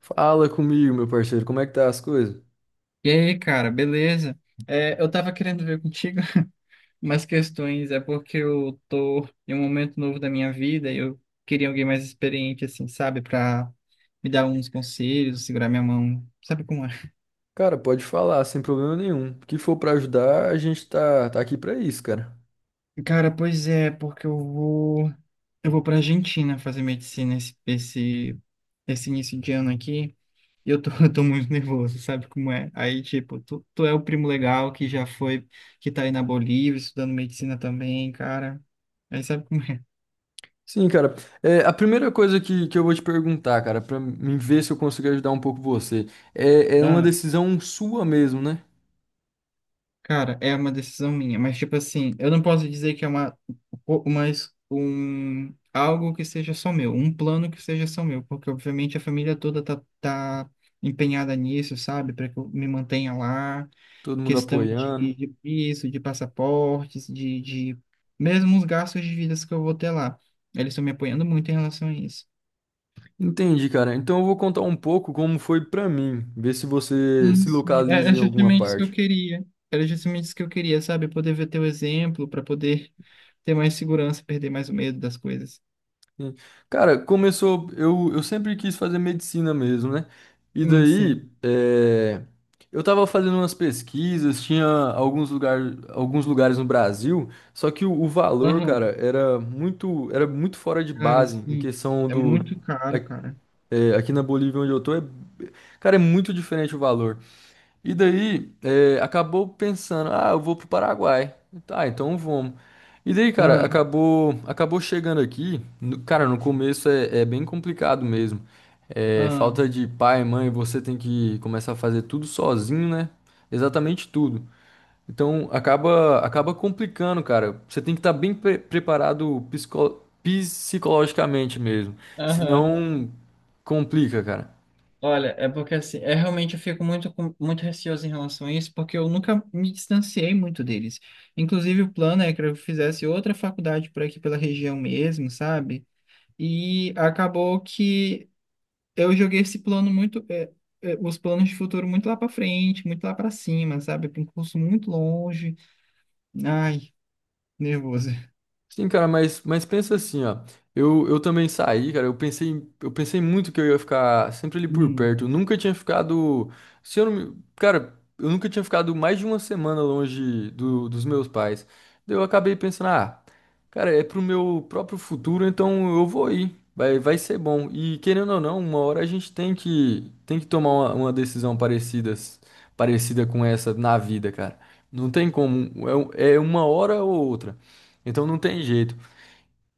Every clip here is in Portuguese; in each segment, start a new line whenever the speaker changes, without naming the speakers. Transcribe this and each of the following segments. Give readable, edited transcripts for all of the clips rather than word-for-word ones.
Fala comigo, meu parceiro, como é que tá as coisas?
E aí, cara, beleza? Eu tava querendo ver contigo umas questões, é porque eu tô em um momento novo da minha vida e eu queria alguém mais experiente, assim, sabe, pra me dar uns conselhos, segurar minha mão, sabe como é?
Cara, pode falar, sem problema nenhum. O que for pra ajudar, a gente tá aqui pra isso, cara.
Cara, pois é, porque eu vou pra Argentina fazer medicina esse início de ano aqui e eu tô muito nervoso, sabe como é? Aí, tipo, tu é o primo legal que já foi, que tá aí na Bolívia estudando medicina também, cara, aí sabe como é?
Sim, cara. A primeira coisa que eu vou te perguntar, cara, pra mim ver se eu consigo ajudar um pouco você, é uma
Ah,
decisão sua mesmo, né?
cara, é uma decisão minha, mas tipo assim, eu não posso dizer que é algo que seja só meu, um plano que seja só meu, porque obviamente a família toda tá empenhada nisso, sabe, para que eu me mantenha lá,
Todo mundo
questão
apoiando.
de visto, de passaportes, de mesmo os gastos de vidas que eu vou ter lá. Eles estão me apoiando muito em relação a isso.
Entendi, cara. Então eu vou contar um pouco como foi pra mim, ver se você se
Sim, era
localiza em alguma
justamente isso que eu
parte.
queria. Era justamente isso que eu queria, sabe? Poder ver teu exemplo, para poder ter mais segurança, perder mais o medo das coisas.
Sim. Cara, começou. Eu sempre quis fazer medicina mesmo, né? E
Sim, sim.
daí, eu tava fazendo umas pesquisas, tinha alguns lugares no Brasil, só que o valor, cara,
Aham,
era muito fora de
cara,
base em
sim.
questão
É
do.
muito
a-
caro, cara.
É, aqui na Bolívia, onde eu tô, é, cara, é muito diferente o valor. E daí, acabou pensando, ah, eu vou pro Paraguai. Tá, então vamos. E daí, cara,
Ah,
acabou, acabou chegando aqui. Cara, no começo é bem complicado mesmo. É,
ah,
falta de pai, mãe, você tem que começar a fazer tudo sozinho, né? Exatamente tudo. Então, acaba, acaba complicando, cara. Você tem que estar bem preparado psicologicamente mesmo.
aham.
Senão, complica, cara.
Olha, é porque assim, é realmente eu fico muito, com- muito receoso em relação a isso, porque eu nunca me distanciei muito deles. Inclusive, o plano é que eu fizesse outra faculdade por aqui pela região mesmo, sabe? E acabou que eu joguei esse plano muito, os planos de futuro muito lá para frente, muito lá para cima, sabe? Para um curso muito longe. Ai. Nervoso.
Sim, cara, mas pensa assim, ó. Eu também saí, cara. Eu pensei muito que eu ia ficar sempre ali por
Hum.
perto. Eu nunca tinha ficado. Se eu não me- Cara, eu nunca tinha ficado mais de uma semana longe dos meus pais. Daí eu acabei pensando, ah, cara, é pro meu próprio futuro, então eu vou ir. Vai, vai ser bom. E querendo ou não, uma hora a gente tem tem que tomar uma decisão parecida, parecida com essa na vida, cara. Não tem como. É, é uma hora ou outra. Então não tem jeito.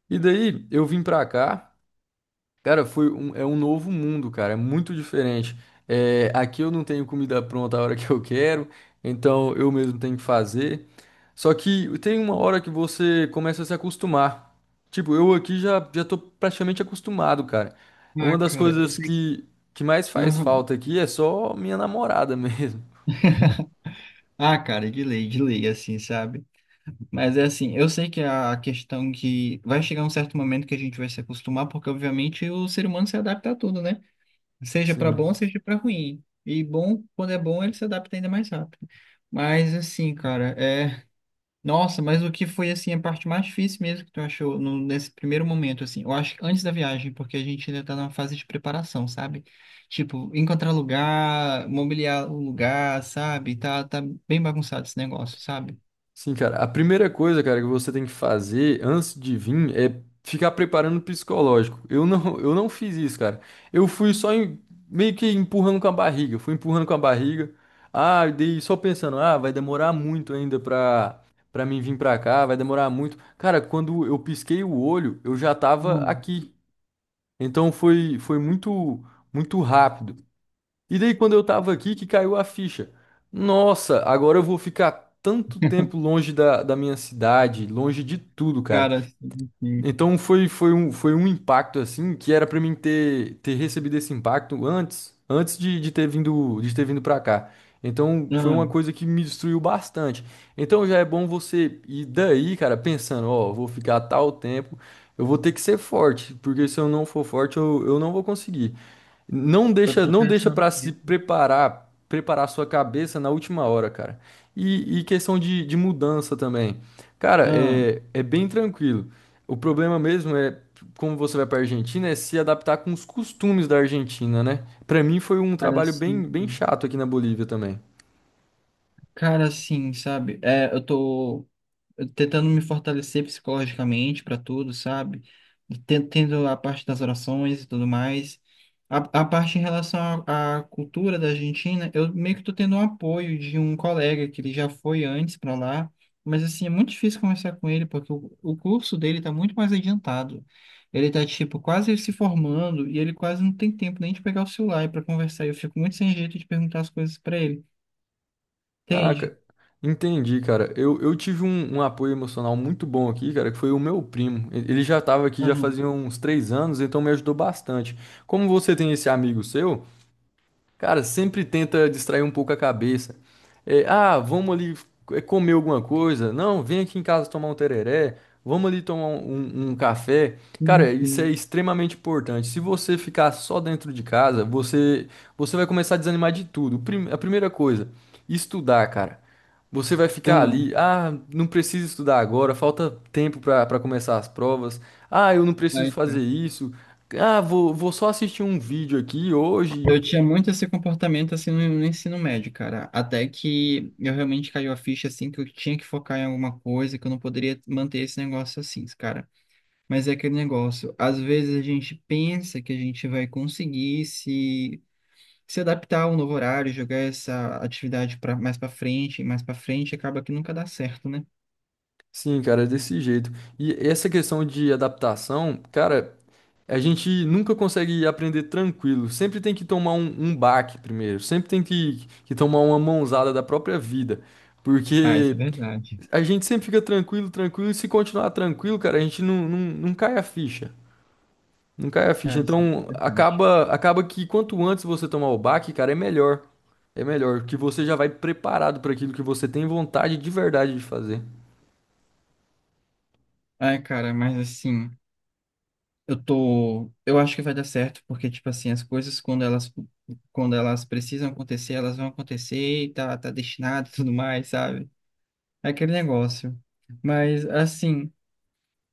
E daí eu vim pra cá, cara, foi um, é um novo mundo, cara, é muito diferente. É, aqui eu não tenho comida pronta a hora que eu quero, então eu mesmo tenho que fazer. Só que tem uma hora que você começa a se acostumar. Tipo, eu aqui já, já tô praticamente acostumado, cara. É
Ah,
uma das
cara, eu
coisas
sei que.
que mais faz
Aham.
falta aqui é só minha namorada mesmo.
Ah, cara, de lei, assim, sabe? Mas é assim, eu sei que a questão que vai chegar um certo momento que a gente vai se acostumar, porque obviamente o ser humano se adapta a tudo, né? Seja pra bom,
Sim.
seja pra ruim. E bom, quando é bom, ele se adapta ainda mais rápido. Mas assim, cara, é. Nossa, mas o que foi assim a parte mais difícil mesmo que tu achou no- nesse primeiro momento assim? Eu acho que antes da viagem, porque a gente ainda tá numa fase de preparação, sabe? Tipo, encontrar lugar, mobiliar o lugar, sabe? Tá bem bagunçado esse negócio, sabe?
Sim, cara. A primeira coisa, cara, que você tem que fazer antes de vir é ficar preparando o psicológico. Eu não, eu não fiz isso, cara. Eu fui só em- Meio que empurrando com a barriga. Fui empurrando com a barriga. Ah, e daí só pensando, ah, vai demorar muito ainda pra mim vir pra cá, vai demorar muito. Cara, quando eu pisquei o olho, eu já tava
Mano,
aqui. Então foi, foi muito, muito rápido. E daí, quando eu tava aqui, que caiu a ficha. Nossa, agora eu vou ficar tanto tempo longe da minha cidade, longe de tudo, cara.
cara, assim, assim,
Então foi, foi um impacto assim que era pra mim ter, ter recebido esse impacto antes, antes de ter vindo para cá. Então foi uma
não,
coisa que me destruiu bastante. Então já é bom você ir daí, cara, pensando, ó, vou ficar tal tempo eu vou ter que ser forte, porque se eu não for forte, eu não vou conseguir. Não
eu
deixa,
tô
não deixa
pensando
para se
nisso.
preparar, preparar sua cabeça na última hora, cara. E questão de mudança também. Cara,
Ah,
é bem tranquilo. O problema mesmo é, como você vai para Argentina, é se adaptar com os costumes da Argentina, né? Para mim foi um
cara,
trabalho bem,
assim,
bem chato aqui na Bolívia também.
cara, assim, sabe? É, eu tô tentando me fortalecer psicologicamente para tudo, sabe? Ten- Tendo a parte das orações e tudo mais. A parte em relação à cultura da Argentina, eu meio que tô tendo um apoio de um colega que ele já foi antes para lá, mas assim, é muito difícil conversar com ele porque o curso dele tá muito mais adiantado. Ele tá, tipo, quase se formando e ele quase não tem tempo nem de pegar o celular para conversar. Eu fico muito sem jeito de perguntar as coisas para ele.
Ah,
Entende?
ca- Entendi, cara. Eu tive um, um apoio emocional muito bom aqui, cara, que foi o meu primo. Ele já estava aqui já fazia
Ah,
uns três anos, então me ajudou bastante. Como você tem esse amigo seu, cara, sempre tenta distrair um pouco a cabeça. É, ah, vamos ali é, comer alguma coisa. Não, vem aqui em casa tomar um tereré. Vamos ali tomar um, um café. Cara,
sim,
isso é
sim.
extremamente importante. Se você ficar só dentro de casa, você vai começar a desanimar de tudo. A primeira coisa, estudar, cara. Você vai ficar
Ah,
ali, ah, não preciso estudar agora, falta tempo para começar as provas. Ah, eu não preciso
vai,
fazer isso. Ah, vou, vou só assistir um vídeo aqui hoje.
eu tinha muito esse comportamento assim no ensino médio, cara. Até que eu realmente caiu a ficha assim que eu tinha que focar em alguma coisa, que eu não poderia manter esse negócio assim, cara. Mas é aquele negócio, às vezes a gente pensa que a gente vai conseguir se adaptar ao novo horário, jogar essa atividade para mais para frente, acaba que nunca dá certo, né?
Sim, cara, é desse jeito. E essa questão de adaptação, cara, a gente nunca consegue aprender tranquilo. Sempre tem que tomar um, um baque primeiro. Sempre tem que tomar uma mãozada da própria vida.
Ah, isso
Porque
é verdade.
a gente sempre fica tranquilo, tranquilo. E se continuar tranquilo, cara, a gente não cai a ficha. Não cai a ficha.
Cara, isso
Então,
é verdade.
acaba, acaba que quanto antes você tomar o baque, cara, é melhor. É melhor, que você já vai preparado para aquilo que você tem vontade de verdade de fazer.
Ai, cara, mas assim, eu tô, eu acho que vai dar certo, porque tipo assim, as coisas quando elas precisam acontecer, elas vão acontecer e tá destinado e tudo mais, sabe? É aquele negócio. Mas assim,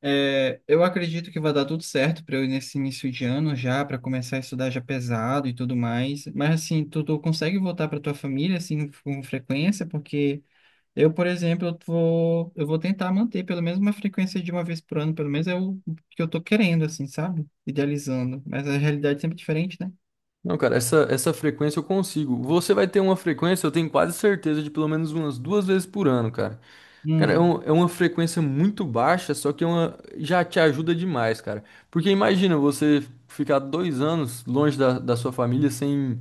é, eu acredito que vai dar tudo certo para eu ir nesse início de ano já, para começar a estudar já pesado e tudo mais. Mas assim, tu consegue voltar para tua família assim com frequência, porque eu, por exemplo, eu vou tentar manter pelo menos uma frequência de uma vez por ano, pelo menos é o que eu tô querendo, assim, sabe? Idealizando. Mas a realidade é sempre diferente, né?
Não, cara, essa frequência eu consigo. Você vai ter uma frequência, eu tenho quase certeza, de pelo menos umas duas vezes por ano, cara. Cara, é,
Hum,
é uma frequência muito baixa, só que é uma, já te ajuda demais, cara. Porque imagina você ficar dois anos longe da sua família sem,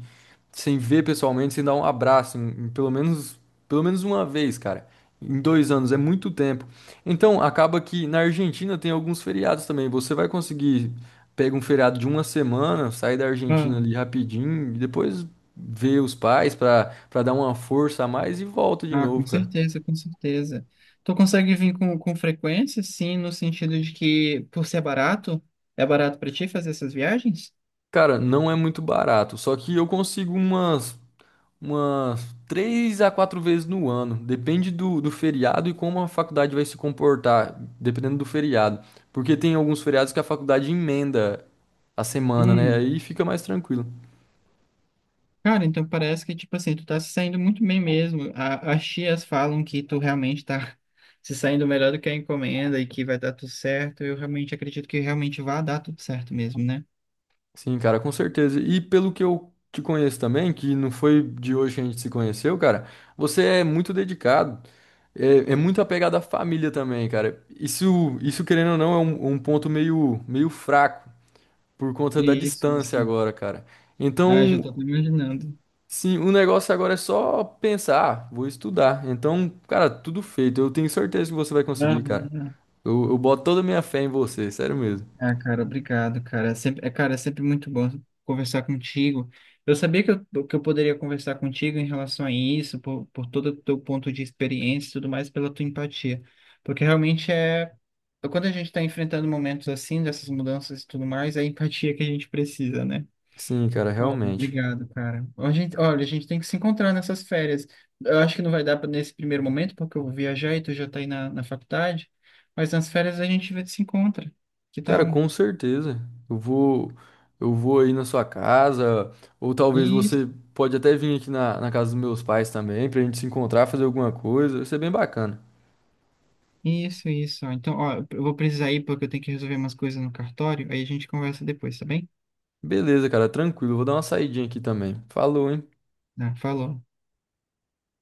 sem ver pessoalmente, sem dar um abraço, em pelo menos uma vez, cara. Em dois anos, é muito tempo. Então, acaba que na Argentina tem alguns feriados também. Você vai conseguir pega um feriado de uma semana, sai da Argentina
ah,
ali rapidinho, e depois vê os pais pra dar uma força a mais e volta de
ah, com
novo, cara.
certeza, com certeza. Tu consegue vir com frequência, sim, no sentido de que, por ser barato, é barato pra ti fazer essas viagens?
Cara, não é muito barato, só que eu consigo umas, umas três a quatro vezes no ano. Depende do feriado e como a faculdade vai se comportar, dependendo do feriado. Porque tem alguns feriados que a faculdade emenda a semana, né?
Hum.
Aí fica mais tranquilo.
Cara, então parece que, tipo assim, tu tá se saindo muito bem mesmo. A- as tias falam que tu realmente tá se saindo melhor do que a encomenda e que vai dar tudo certo. Eu realmente acredito que realmente vai dar tudo certo mesmo, né?
Sim, cara, com certeza. E pelo que eu te conheço também, que não foi de hoje que a gente se conheceu, cara, você é muito dedicado, é muito apegado à família também, cara. Isso querendo ou não, é um, um ponto meio, meio fraco por conta da
Isso,
distância
isso.
agora, cara.
Ah, já tô
Então,
até imaginando.
sim, o negócio agora é só pensar, "Ah, vou estudar." Então, cara, tudo feito. Eu tenho certeza que você vai conseguir, cara.
Aham.
Eu boto toda a minha fé em você, sério mesmo.
Ah, cara, obrigado, cara. É sempre, é, cara, é sempre muito bom conversar contigo. Eu sabia que eu poderia conversar contigo em relação a isso, por todo o teu ponto de experiência e tudo mais, pela tua empatia. Porque realmente é. Quando a gente está enfrentando momentos assim, dessas mudanças e tudo mais, é a empatia que a gente precisa, né?
Sim, cara,
Ó,
realmente.
obrigado, cara. A gente, olha, a gente tem que se encontrar nessas férias. Eu acho que não vai dar pra- nesse primeiro momento, porque eu vou viajar e tu já tá aí na faculdade. Mas nas férias a gente vê- se encontra. Que
Cara,
tal?
com certeza. Eu vou, eu vou aí na sua casa, ou talvez
Isso,
você pode até vir aqui na casa dos meus pais também, pra gente se encontrar, fazer alguma coisa. Vai ser bem bacana.
isso, isso. Então, ó, eu vou precisar ir porque eu tenho que resolver umas coisas no cartório. Aí a gente conversa depois, tá bem?
Beleza, cara, tranquilo. Eu vou dar uma saidinha aqui também. Falou, hein?
Ah, falou.